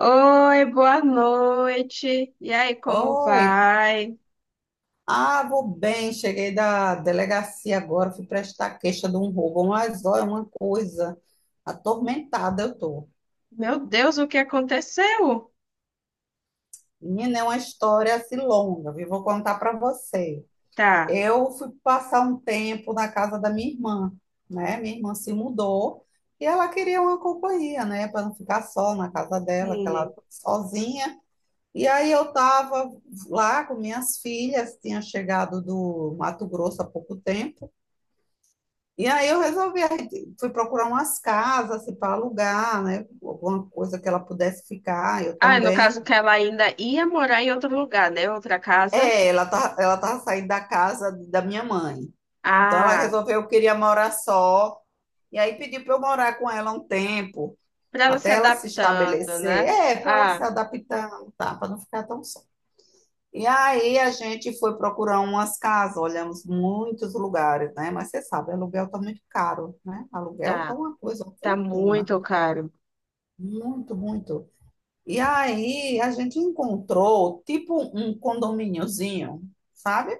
Oi, boa noite. E aí, como Oi, vai? Vou bem, cheguei da delegacia agora, fui prestar queixa de um roubo, mas olha, uma coisa, atormentada eu tô. Meu Deus, o que aconteceu? Menina, é uma história assim longa, viu? Vou contar para você. Tá, Eu fui passar um tempo na casa da minha irmã, né? Minha irmã se mudou e ela queria uma companhia, né? Para não ficar só na casa dela, que ela sim. sozinha. E aí eu estava lá com minhas filhas, tinha chegado do Mato Grosso há pouco tempo. E aí eu resolvi, aí fui procurar umas casas assim, para alugar, né? Alguma coisa que ela pudesse ficar, eu Ah, no caso também. que ela ainda ia morar em outro lugar, né? Outra casa. É, ela tava saindo da casa da minha mãe. Então ela Ah, resolveu que queria morar só. E aí pediu para eu morar com ela um tempo, pra ela se até ela se adaptando, estabelecer. né? É, para ela se Ah, adaptar, tá, para não ficar tão só. E aí a gente foi procurar umas casas, olhamos muitos lugares, né? Mas você sabe, aluguel tá muito caro, né? Aluguel tá tá. uma coisa, uma Tá fortuna. muito caro. Muito, muito. E aí a gente encontrou tipo um condomíniozinho, sabe?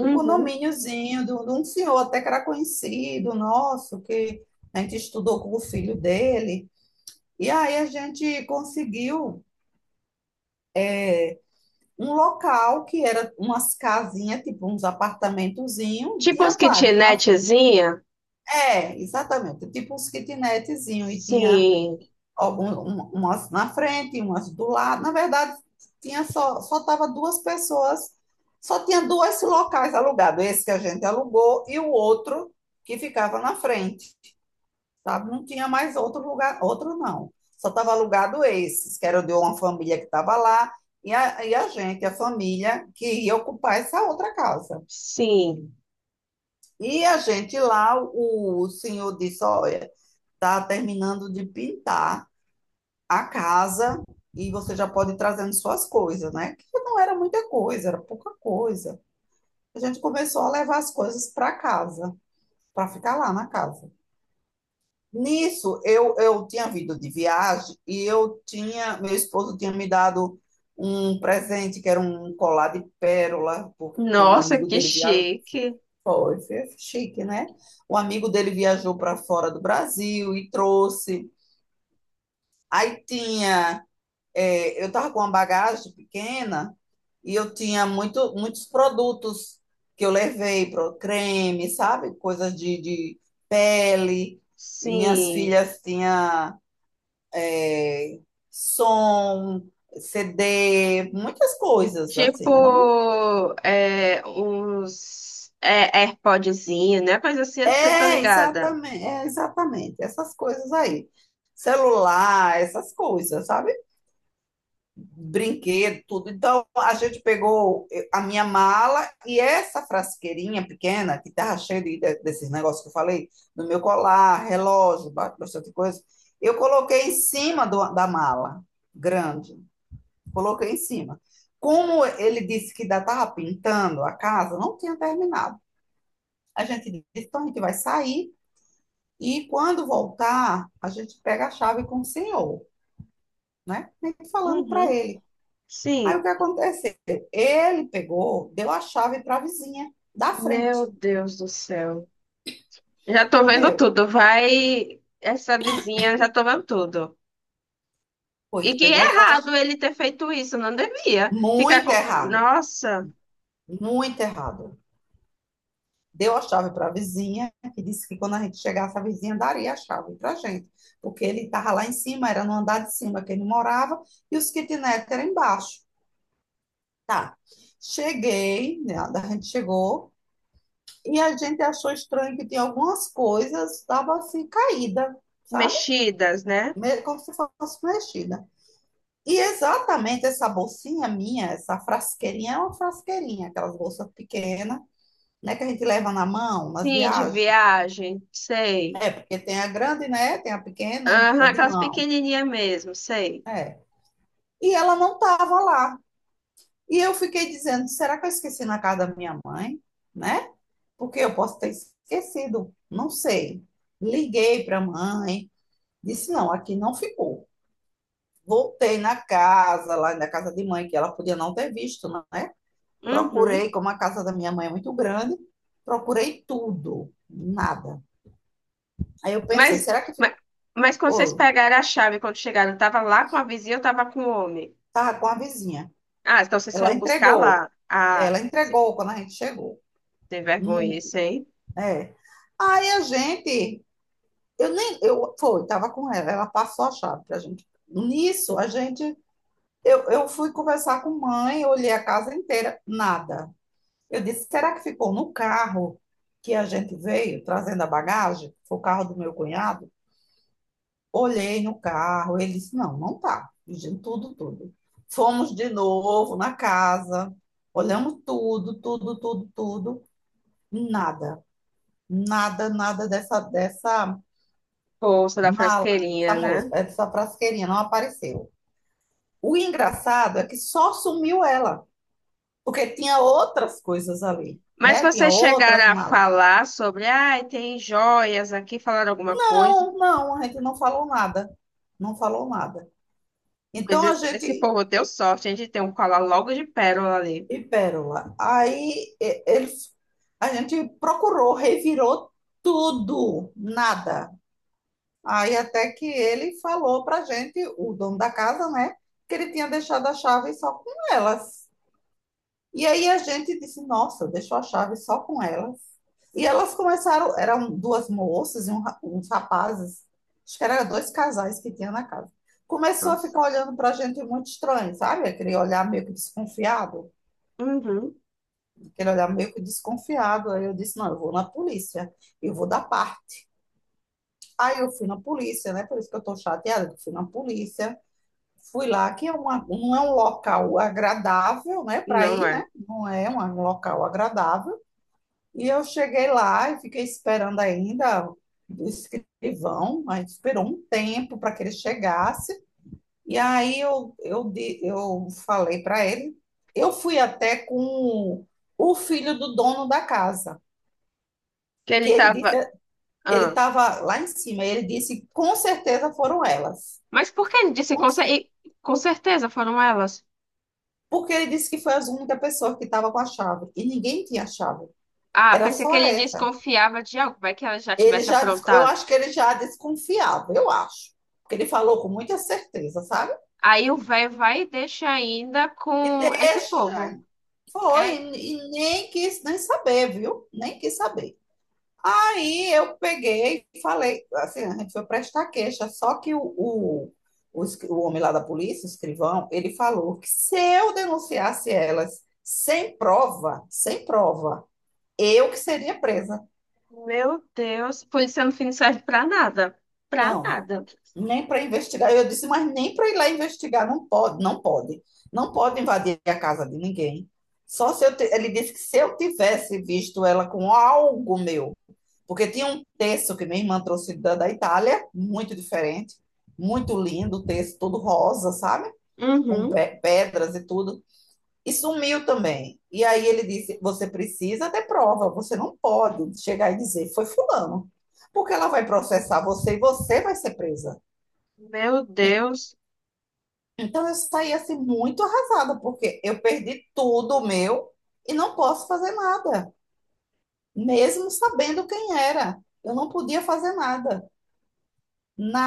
Um condomíniozinho de um senhor até que era conhecido nosso, que a gente estudou com o filho dele. E aí a gente conseguiu um local que era umas casinhas, tipo uns apartamentozinhos, Tipo as tinha vários. Kitnetzinha? É, exatamente, tipo uns kitnetzinhos, e tinha Sim. Umas na frente, umas do lado. Na verdade, tinha só tava duas pessoas, só tinha dois locais alugados, esse que a gente alugou e o outro que ficava na frente, sabe? Não tinha mais outro lugar, outro não. Só estava S- alugado esses, que era de uma família que estava lá e a gente, a família que ia ocupar essa outra casa. Sim. E a gente lá, o senhor disse, olha, está terminando de pintar a casa, e você já pode ir trazendo suas coisas, né? Que não era muita coisa, era pouca coisa. A gente começou a levar as coisas para casa, para ficar lá na casa. Nisso, eu tinha vindo de viagem e eu tinha, meu esposo tinha me dado um presente que era um colar de pérola, porque um Nossa, amigo que dele viajou, chique. foi, foi chique, né? O amigo dele viajou para fora do Brasil e trouxe. Aí tinha eu estava com uma bagagem pequena e eu tinha muito, muitos produtos que eu levei, pro creme, sabe? Coisas de pele. E minhas Sim. filhas tinham é, som, CD, muitas coisas, assim. Era muito... Tipo, é, uns é, AirPodzinho, né? Coisa assim, você tá É, ligada? exatamente, é, exatamente. Essas coisas aí. Celular, essas coisas, sabe? Brinquedo, tudo. Então, a gente pegou a minha mala e essa frasqueirinha pequena, que estava cheia desses negócios que eu falei, do meu colar, relógio, bastante coisa, eu coloquei em cima da mala, grande, coloquei em cima. Como ele disse que ainda estava pintando a casa, não tinha terminado. A gente disse, então a gente vai sair e quando voltar, a gente pega a chave com o senhor, né? E falando para Uhum, ele. Aí o sim. que aconteceu? Ele pegou, deu a chave para a vizinha da frente. Meu Deus do céu. Já tô vendo Deu. tudo. Vai essa vizinha, já tô vendo tudo. Pois E que pegou essa errado chave. ele ter feito isso, não devia. Ficar Muito com. errado. Nossa, Muito errado. Deu a chave para a vizinha, que disse que quando a gente chegasse, a vizinha daria a chave para a gente. Porque ele estava lá em cima, era no andar de cima que ele morava, e os kitnet eram embaixo. Tá. Cheguei, né, a gente chegou, e a gente achou estranho que tinha algumas coisas, estava assim, caída, sabe? mexidas, né? Como se fosse mexida. E exatamente essa bolsinha minha, essa frasqueirinha, é uma frasqueirinha, aquelas bolsas pequenas, né, que a gente leva na mão, nas Sim, de viagens. viagem, sei. É, porque tem a grande, né, tem a pequena, Aham, e a de aquelas mão. pequenininhas mesmo, sei. É. E ela não estava lá. E eu fiquei dizendo, será que eu esqueci na casa da minha mãe, né? Porque eu posso ter esquecido, não sei. Liguei para a mãe, disse, não, aqui não ficou. Voltei na casa, lá na casa de mãe, que ela podia não ter visto, né? Uhum. Procurei, como a casa da minha mãe é muito grande, procurei tudo, nada. Aí eu Mas, pensei, será que mas, ficou? mas quando vocês Oi, pegaram a chave, quando chegaram, eu tava lá com a vizinha, eu tava com o homem. tá com a vizinha. Ah, então vocês Ela foram buscar entregou. lá. Ela entregou quando a gente chegou. Sem vergonha Mu- isso, hein? É. Aí a gente, eu nem, eu foi, tava com ela, ela passou a chave pra gente. Nisso, a gente, eu fui conversar com mãe, olhei a casa inteira, nada. Eu disse, será que ficou no carro que a gente veio trazendo a bagagem? Foi o carro do meu cunhado? Olhei no carro, ele disse: não, não tá. Pedindo tudo, tudo. Fomos de novo na casa, olhamos tudo, tudo, tudo, tudo. Nada, nada, nada dessa Bolsa da mala, frasqueirinha, dessa moça, né? dessa frasqueirinha, não apareceu. O engraçado é que só sumiu ela, porque tinha outras coisas ali, Mas né? Tinha vocês outras chegaram a malas. falar sobre, ah, tem joias aqui, falaram alguma coisa. Não, não, a gente não falou nada, não falou nada. Mas Então a esse gente povo deu sorte, a gente tem um colar logo de pérola ali. e Pérola. Ele, a gente procurou, revirou tudo, nada. Aí até que ele falou pra gente, o dono da casa, né, que ele tinha deixado a chave só com elas. E aí a gente disse, nossa, deixou a chave só com elas. E elas começaram, eram duas moças e uns rapazes, acho que eram dois casais que tinha na casa. Começou a Nossa. ficar olhando pra gente muito estranho, sabe? Aquele olhar meio que desconfiado. Uhum. Aquele olhar meio que desconfiado. Aí eu disse, não, eu vou na polícia, eu vou dar parte. Aí eu fui na polícia, né? Por isso que eu tô chateada, eu fui na polícia. Fui lá, que é uma, não é um local agradável, né, para Não ir, é. né? Não é um local agradável. E eu cheguei lá e fiquei esperando ainda o escrivão, a gente esperou um tempo para que ele chegasse. E aí eu falei para ele, eu fui até com o filho do dono da casa. Que Que ele ele disse, tava. ele Ah. estava lá em cima, e ele disse, com certeza foram elas. Mas por que ele disse Com cer- com certeza foram elas? Porque ele disse que foi a única pessoa que estava com a chave, e ninguém tinha a chave, Ah, era pensei que só ele essa. desconfiava de algo, vai que ela já tivesse Eu aprontado. acho que ele já desconfiava, eu acho, porque ele falou com muita certeza, sabe? Aí o velho vai e deixa ainda E com esse povo. deixa, É, foi, e nem quis nem saber, viu? Nem quis saber. Aí eu peguei e falei, assim, a gente foi prestar queixa, só que o homem lá da polícia, o escrivão, ele falou que se eu denunciasse elas sem prova, sem prova, eu que seria presa. meu Deus, polícia no fim não serve pra nada. Pra Não, nada. nem para investigar. Eu disse, mas nem para ir lá investigar, não pode, não pode. Não pode invadir a casa de ninguém. Só se ele disse que se eu tivesse visto ela com algo meu. Porque tinha um texto que minha irmã trouxe da Itália, muito diferente, muito lindo, o texto todo rosa, sabe? Com Uhum. Pedras e tudo. E sumiu também. E aí ele disse: você precisa ter prova, você não pode chegar e dizer, foi fulano. Porque ela vai processar você e você vai ser presa. Meu E- Deus. Então eu saí assim muito arrasada, porque eu perdi tudo meu e não posso fazer nada, mesmo sabendo quem era. Eu não podia fazer nada,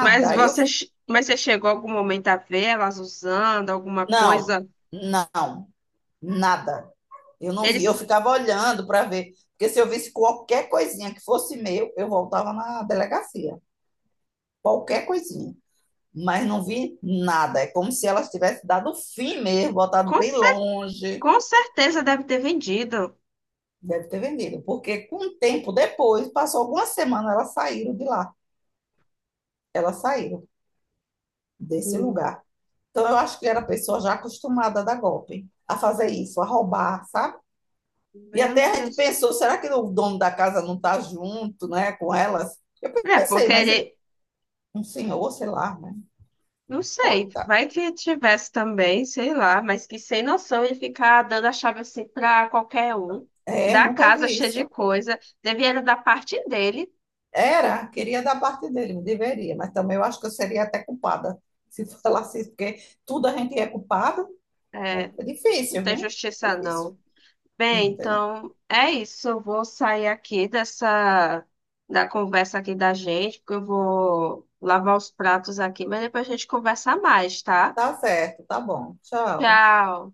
Mas Eu mas você chegou algum momento a ver elas usando alguma não, coisa? não, nada. Eu não vi, eu Eles ficava olhando para ver, porque se eu visse qualquer coisinha que fosse meu, eu voltava na delegacia, qualquer coisinha. Mas não vi nada. É como se elas tivessem dado fim mesmo, botado com, bem cer- longe. com certeza devem ter vendido. Deve ter vendido, porque com um tempo depois, passou algumas semanas, elas saíram de lá, elas saíram desse Hum. lugar. Então eu acho que era pessoa já acostumada a dar golpe, a fazer isso, a roubar, sabe? E Meu até a gente Deus. pensou, será que o dono da casa não está junto, né, com elas? Eu É, pensei, porque mas ele- ele... um senhor, sei lá, né? Não sei, Bota. vai que tivesse também, sei lá, mas que sem noção ele ficar dando a chave assim pra qualquer um, É, da nunca casa vi cheia de isso. coisa, devia era da parte dele, Era, queria dar parte dele, me deveria, mas também eu acho que eu seria até culpada se falasse isso, porque tudo a gente é culpado. é, É não difícil, tem viu? É justiça difícil. não. Não, Bem, não tem não. então é isso, eu vou sair aqui dessa, da conversa aqui da gente, porque eu vou lavar os pratos aqui, mas depois a gente conversa mais, tá? Tá certo, tá bom. Tchau. Tchau.